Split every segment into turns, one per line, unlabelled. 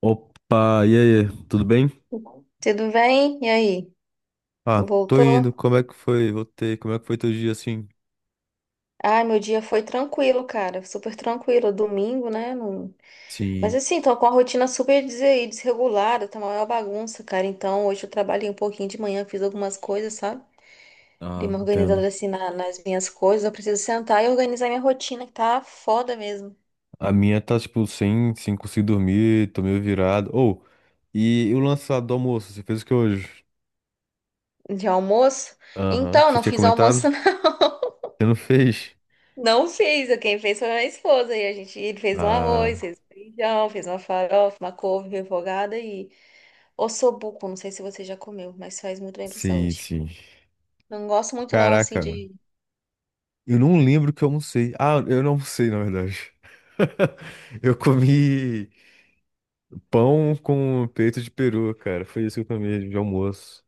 Opa, e aí, tudo bem?
Tudo bem? E aí?
Ah, tô
Voltou?
indo, como é que foi? Voltei, como é que foi teu dia assim?
Ai, meu dia foi tranquilo, cara. Super tranquilo. Domingo, né? Não- Mas
Sim,
assim, tô com a rotina super des- desregulada, tá uma maior bagunça, cara. Então, hoje eu trabalhei um pouquinho de manhã, fiz algumas coisas, sabe? Dei
ah,
uma
entendo.
organizada assim na- nas minhas coisas. Eu preciso sentar e organizar minha rotina, que tá foda mesmo.
A minha tá, tipo, sem conseguir dormir, tô meio virado. Ou, e o lançado do almoço, você fez o que hoje?
De almoço?
Aham, que
Então,
você
não
tinha
fiz almoço,
comentado?
não.
Você não fez?
Não fiz. Quem fez foi minha esposa. E a gente ele fez um arroz,
Ah,
fez um feijão, fez uma farofa, uma couve refogada e. Ossobuco, não sei se você já comeu, mas faz muito bem pra
sim,
saúde.
sim.
Não gosto muito não, assim,
Caraca, mano.
de...
Eu não lembro o que eu almocei. Ah, eu não almocei, na verdade. Eu comi pão com peito de peru, cara. Foi isso que eu comi de almoço.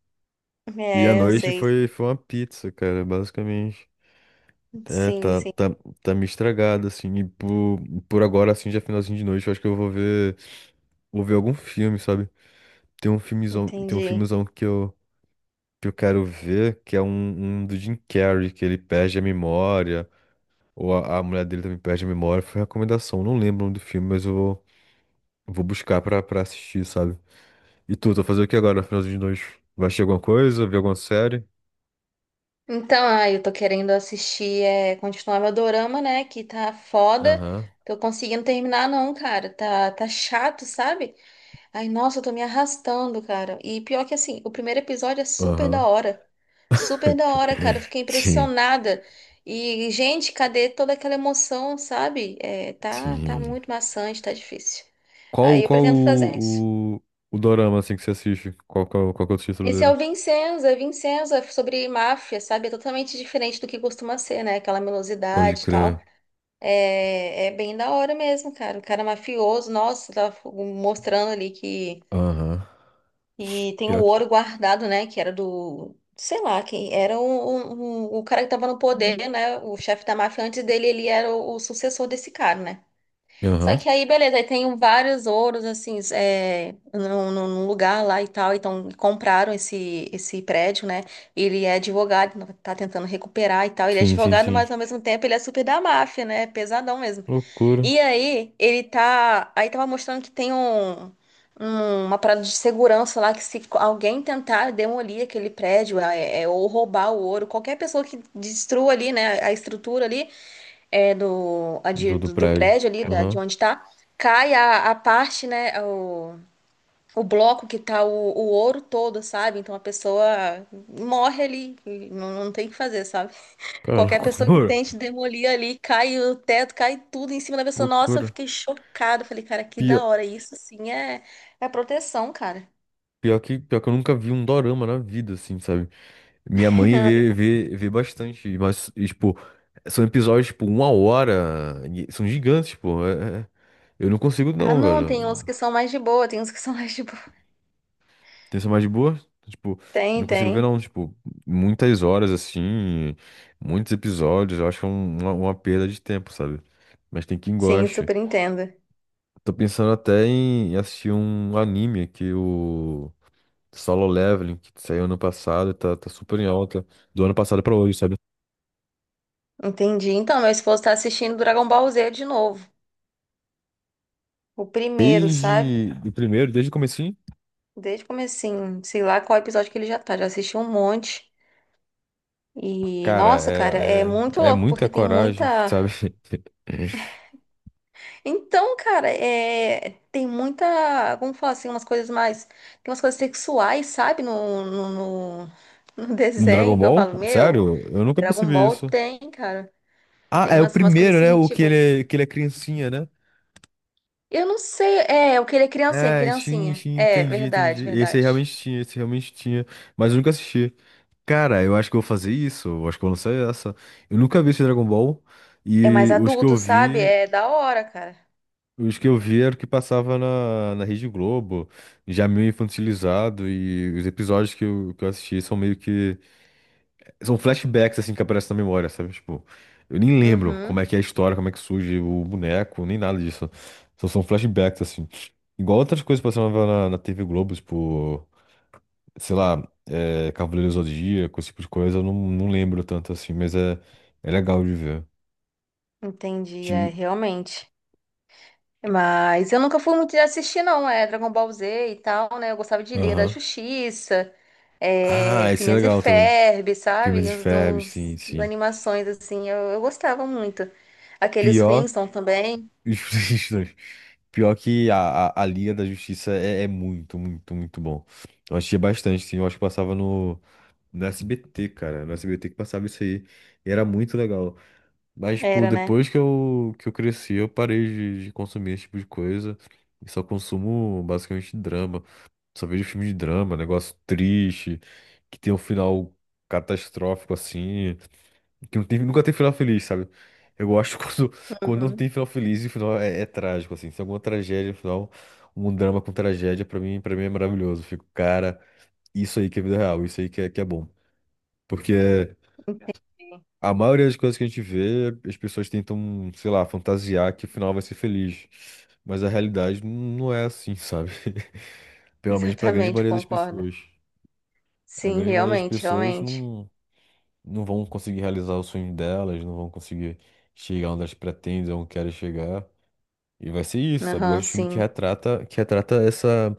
E a
É, eu
noite
sei.
foi uma pizza, cara, basicamente. É,
Sim,
tá,
sim,
tá, tá me estragado, assim. Por agora, assim, já é finalzinho de noite, eu acho que vou ver algum filme, sabe? Tem um
entendi.
filmezão que eu quero ver, que é um do Jim Carrey, que ele perde a memória, ou a mulher dele também perde a memória. Foi recomendação, não lembro o nome do filme, mas vou buscar pra assistir, sabe? E tu vai fazer o que agora, finalzinho de noite? Vai assistir alguma coisa, ver alguma série?
Então, ah, eu tô querendo assistir, é, continuar meu dorama, né, que tá foda.
Aham,
Tô conseguindo terminar não, cara. Tá chato, sabe? Ai, nossa, eu tô me arrastando, cara. E pior que assim, o primeiro episódio é super
aham.
da hora. Super da hora, cara. Eu fiquei
Sim,
impressionada. E, gente, cadê toda aquela emoção, sabe? É, tá
sim.
muito maçante, tá difícil.
Qual,
Aí eu
qual
pretendo fazer isso.
o, o, o dorama, assim, que você assiste? Qual que é o título
Esse é
dele?
o Vincenzo, é sobre máfia, sabe? É totalmente diferente do que costuma ser, né? Aquela
Pode
melosidade e tal.
crer.
É, é bem da hora mesmo, cara. O cara mafioso, nossa, tá mostrando ali que
Aham.
e tem o
Pior... que...
ouro guardado, né? Que era do. Sei lá, quem era o cara que tava no poder, né? O chefe da máfia antes dele, ele era o sucessor desse cara, né? Só
Aham.
que aí, beleza, aí tem vários ouros, assim, é, num lugar lá e tal. Então, compraram esse prédio, né? Ele é advogado, tá tentando recuperar e tal. Ele é
Sim, sim,
advogado,
sim.
mas ao mesmo tempo ele é super da máfia, né? Pesadão mesmo.
Loucura
E aí, ele tá. Aí tava mostrando que tem uma parada de segurança lá que se alguém tentar demolir aquele prédio ou roubar o ouro, qualquer pessoa que destrua ali, né, a estrutura ali é, do, a
do
do
prédio.
prédio ali, da, de
Aham.
onde tá, cai a parte, né, o bloco que tá o ouro todo, sabe? Então a pessoa morre ali, e não tem o que fazer, sabe?
Cara,
Qualquer pessoa que
loucura.
tente demolir ali, cai o teto, cai tudo em cima da pessoa. Nossa, eu
Loucura.
fiquei chocada. Falei, cara, que da
Pior,
hora. Isso sim é, é proteção, cara.
pior que eu nunca vi um dorama na vida, assim, sabe? Minha mãe vê bastante, mas, e, tipo, são episódios, tipo, uma hora. E são gigantes, pô. É. Eu não consigo,
Ah,
não,
não,
velho.
tem uns que são mais de boa, tem uns que são mais de boa.
Tensão mais de boa? Tipo,
Tem,
não consigo ver
tem.
não, tipo, muitas horas assim, muitos episódios, eu acho é uma perda de tempo, sabe? Mas tem quem
Sim,
goste.
super entendo.
Tô pensando até em assistir um anime que o Solo Leveling, que saiu ano passado, tá super em alta, do ano passado pra hoje, sabe?
Entendi. Então, meu esposo tá assistindo Dragon Ball Z de novo. O primeiro, sabe?
Desde o primeiro, desde o comecinho,
Desde o comecinho. Sei lá qual episódio que ele já tá. Já assistiu um monte. E,
cara,
nossa, cara, é muito
é
louco,
muita
porque tem
coragem,
muita.
sabe?
Então, cara, é, tem muita, vamos falar assim, umas coisas mais, tem umas coisas sexuais, sabe, no- no
No Dragon
desenho, que eu
Ball?
falo, meu,
Sério? Eu nunca
Dragon
percebi
Ball
isso.
tem, cara,
Ah,
tem
é o
umas coisas
primeiro, né?
assim,
O
tipo,
que ele é criancinha, né?
eu não sei, é, eu queria criancinha,
É, sim,
criancinha,
sim,
é,
entendi,
verdade,
entendi. Esse aí
verdade,
realmente tinha, esse realmente tinha, mas eu nunca assisti. Cara, eu acho que eu vou fazer isso, eu acho que eu vou lançar essa. Eu nunca vi esse Dragon Ball
é mais
e
adulto, sabe, é da hora, cara,
os que eu vi era o que passava na, na Rede Globo, já meio infantilizado e os episódios que eu assisti são meio que são flashbacks, assim, que aparecem na memória, sabe? Tipo, eu nem lembro
uhum,
como é que é a história, como é que surge o boneco, nem nada disso. Só são flashbacks, assim. Igual outras coisas passavam na, na TV Globo, tipo, sei lá, é, Cavaleiro do Zodíaco, esse tipo de coisa, eu não, não lembro tanto, assim, mas é, é legal de ver.
entendi,
Ti-
é, realmente. Mas eu nunca fui muito de assistir, não. É Dragon Ball Z e tal, né? Eu gostava de Liga da
aham.
Justiça, é,
Ah, esse é
Phineas e
legal também.
Ferb,
Firmas
sabe?
e
Uns, uns-
Ferb, sim,
uns as
sim.
animações, assim, eu gostava muito. Aqueles
Pior.
Flintstones também.
Os dois. Pior que a Liga da Justiça é, muito bom. Eu assistia bastante, sim. Eu acho que passava no SBT, cara. No SBT que passava isso aí. E era muito legal. Mas, tipo,
Era, né?
depois que que eu cresci, eu parei de consumir esse tipo de coisa. E só consumo basicamente drama. Só vejo filme de drama, negócio triste, que tem um final catastrófico assim. Que não tem, nunca tem final feliz, sabe? Eu gosto quando, quando não tem
Uhum.
final feliz e o final é, é trágico, assim. Se tem alguma tragédia no final, um drama com tragédia, pra mim é maravilhoso. Eu fico, cara, isso aí que é vida real, isso aí que é bom. Porque
Entendi.
a maioria das coisas que a gente vê, as pessoas tentam, sei lá, fantasiar que o final vai ser feliz. Mas a realidade não é assim, sabe? Pelo menos pra grande
Exatamente,
maioria das
concordo.
pessoas. A
Sim,
grande maioria das
realmente,
pessoas
realmente.
não. Não vão conseguir realizar o sonho delas, não vão conseguir chegar onde elas pretendem, onde querem chegar. E vai ser isso, sabe? Eu
Aham,
gosto de filme
sim.
que retrata essa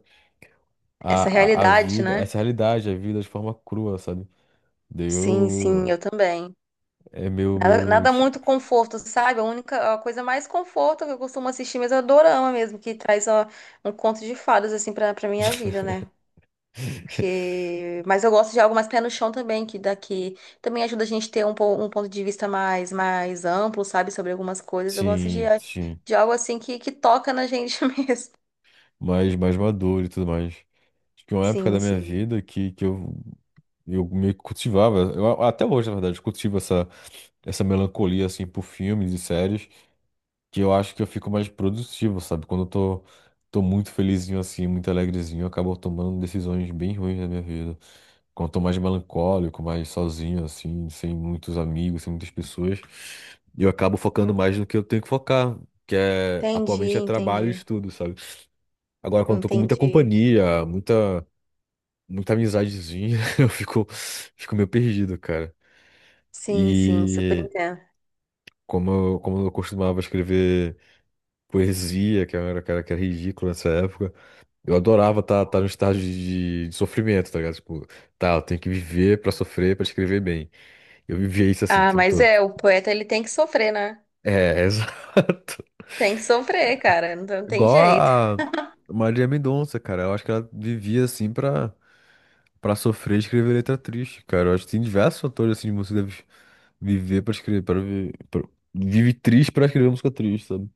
Essa
a
realidade,
vida,
né?
essa realidade, a vida de forma crua, sabe? Daí
Sim,
eu
sim, eu também.
é meu
Nada, nada
meus
muito conforto, sabe? A única, a coisa mais conforto que eu costumo assistir mesmo é dorama mesmo, que traz ó, um conto de fadas, assim, pra minha vida, né? Porque... Mas eu gosto de algo mais pé no chão também, que daqui também ajuda a gente a ter um, um ponto de vista mais, mais amplo, sabe? Sobre algumas coisas. Eu gosto
sim, sim,
de algo assim que toca na gente mesmo.
mais maduro e tudo mais. Acho que uma época da
Sim,
minha
sim.
vida que eu meio que cultivava, eu a- até hoje, na verdade, cultivo essa melancolia, assim, por filmes e séries. Que eu acho que eu fico mais produtivo, sabe? Quando tô muito felizinho assim, muito alegrezinho, eu acabo tomando decisões bem ruins na minha vida. Quando eu tô mais melancólico, mais sozinho, assim, sem muitos amigos, sem muitas pessoas, eu acabo focando mais no que eu tenho que focar, que é
Entendi,
atualmente é trabalho e
entendi.
estudo, sabe? Agora, quando eu tô com muita
Entendi.
companhia, muita amizadezinha, eu fico, fico meio perdido, cara.
Sim, sim, super
E
entendo.
como eu costumava escrever poesia, que era, cara, que era ridículo nessa época. Eu adorava estar tá no estágio de sofrimento, tá ligado? Tipo, tá, eu tenho que viver pra sofrer, pra escrever bem. Eu vivia isso assim o
Ah,
tempo
mas
todo.
é, o poeta ele tem que sofrer, né?
É, exato.
Tem que sofrer, cara, não tem não tem
Igual
jeito.
a Maria Mendonça, cara. Eu acho que ela vivia assim pra sofrer e escrever letra triste, cara. Eu acho que tem diversos fatores assim de você deve viver pra escrever, para viver. Pra... Vive triste pra escrever música triste, sabe?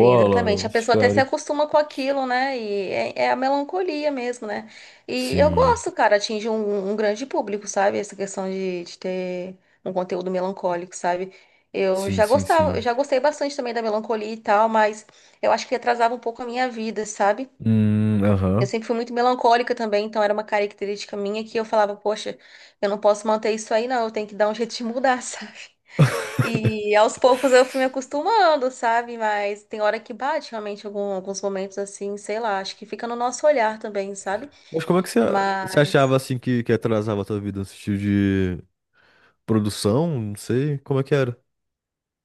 Sim, exatamente. A
esses
pessoa até se
caras.
acostuma com aquilo, né? E é, é a melancolia mesmo, né? E eu
Sim,
gosto, cara, atinge um grande público, sabe? Essa questão de ter um conteúdo melancólico, sabe? Eu
sim,
já
sim,
gostava,
sim.
eu já gostei bastante também da melancolia e tal, mas eu acho que atrasava um pouco a minha vida, sabe? Eu
Aham.
sempre fui muito melancólica também, então era uma característica minha que eu falava, poxa, eu não posso manter isso aí, não, eu tenho que dar um jeito de mudar, sabe? E aos poucos eu fui me acostumando, sabe? Mas tem hora que bate realmente alguns momentos assim, sei lá, acho que fica no nosso olhar também, sabe?
Mas como é que você
Mas
achava assim que atrasava a tua vida no sentido de produção? Não sei, como é que era?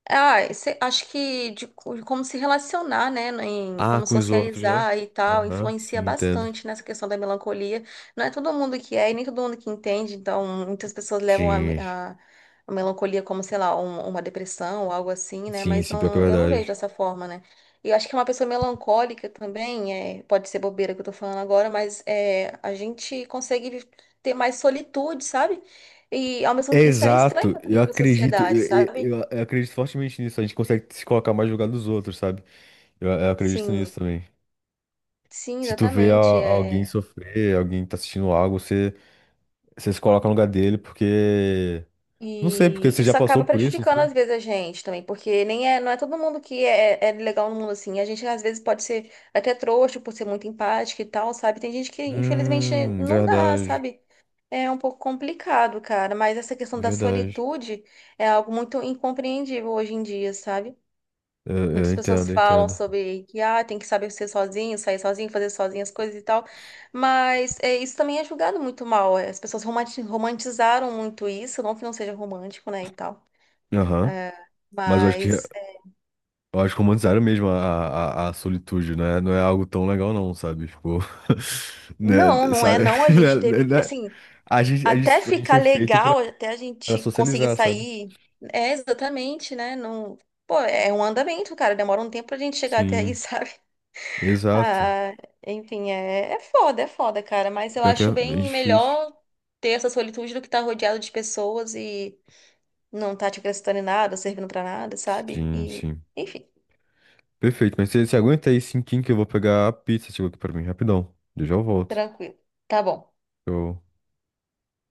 ah, acho que de, de como se relacionar, né, em
Ah,
como
com os outros, né?
socializar e tal,
Aham,
influencia
sim, entendo.
bastante nessa questão da melancolia. Não é todo mundo que é e nem todo mundo que entende, então muitas pessoas levam
Sim,
a melancolia como, sei lá, uma depressão ou algo assim, né,
sim,
mas
sim, pior que é
não, eu não vejo
verdade.
dessa forma, né. E eu acho que uma pessoa melancólica também, é, pode ser bobeira que eu tô falando agora, mas é, a gente consegue ter mais solitude, sabe? E ao mesmo isso é estranho
Exato,
também para a sociedade, sabe?
eu acredito fortemente nisso. A gente consegue se colocar mais no lugar dos outros, sabe? Eu acredito
Sim.
nisso também.
Sim,
Se tu vê
exatamente.
alguém
É.
sofrer, alguém tá assistindo algo, você se coloca no lugar dele, porque. Não sei, porque
E
você já
isso
passou
acaba
por isso.
prejudicando às vezes a gente também, porque nem é, não é todo mundo que é, é legal no mundo assim. A gente às vezes pode ser até trouxa por ser muito empática e tal, sabe? Tem gente que infelizmente não dá,
Verdade,
sabe? É um pouco complicado, cara, mas essa questão da
verdade.
solitude é algo muito incompreendível hoje em dia, sabe?
Eu
Muitas pessoas
entendo, eu
falam
entendo.
sobre que ah, tem que saber ser sozinho, sair sozinho, fazer sozinho as coisas e tal, mas é, isso também é julgado muito mal. É, as pessoas romantizaram muito isso, não que não seja romântico, né, e tal.
Aham.
É,
Eu
mas é,
acho que romantizaram mesmo a solitude, né? Não é algo tão legal não, sabe? Tipo, né?
não, não é
Sabe?
não. A
Né?
gente
Né?
teve que,
Né?
assim, até
A gente
ficar
foi feito pra,
legal, até a
pra
gente conseguir
socializar, sabe?
sair, é exatamente, né? Não, pô, é um andamento, cara. Demora um tempo pra gente chegar até aí,
Sim,
sabe?
exato.
Ah, enfim, é, é foda, cara. Mas eu
Pior que é
acho
é
bem
difícil.
melhor ter essa solitude do que estar rodeado de pessoas e não tá te acrescentando em nada, servindo pra nada, sabe?
Sim,
E,
sim.
enfim,
Perfeito, mas você aguenta aí cinquinho que eu vou pegar a pizza, chegou aqui pra mim, rapidão. Eu já volto.
tranquilo. Tá bom.
Eu...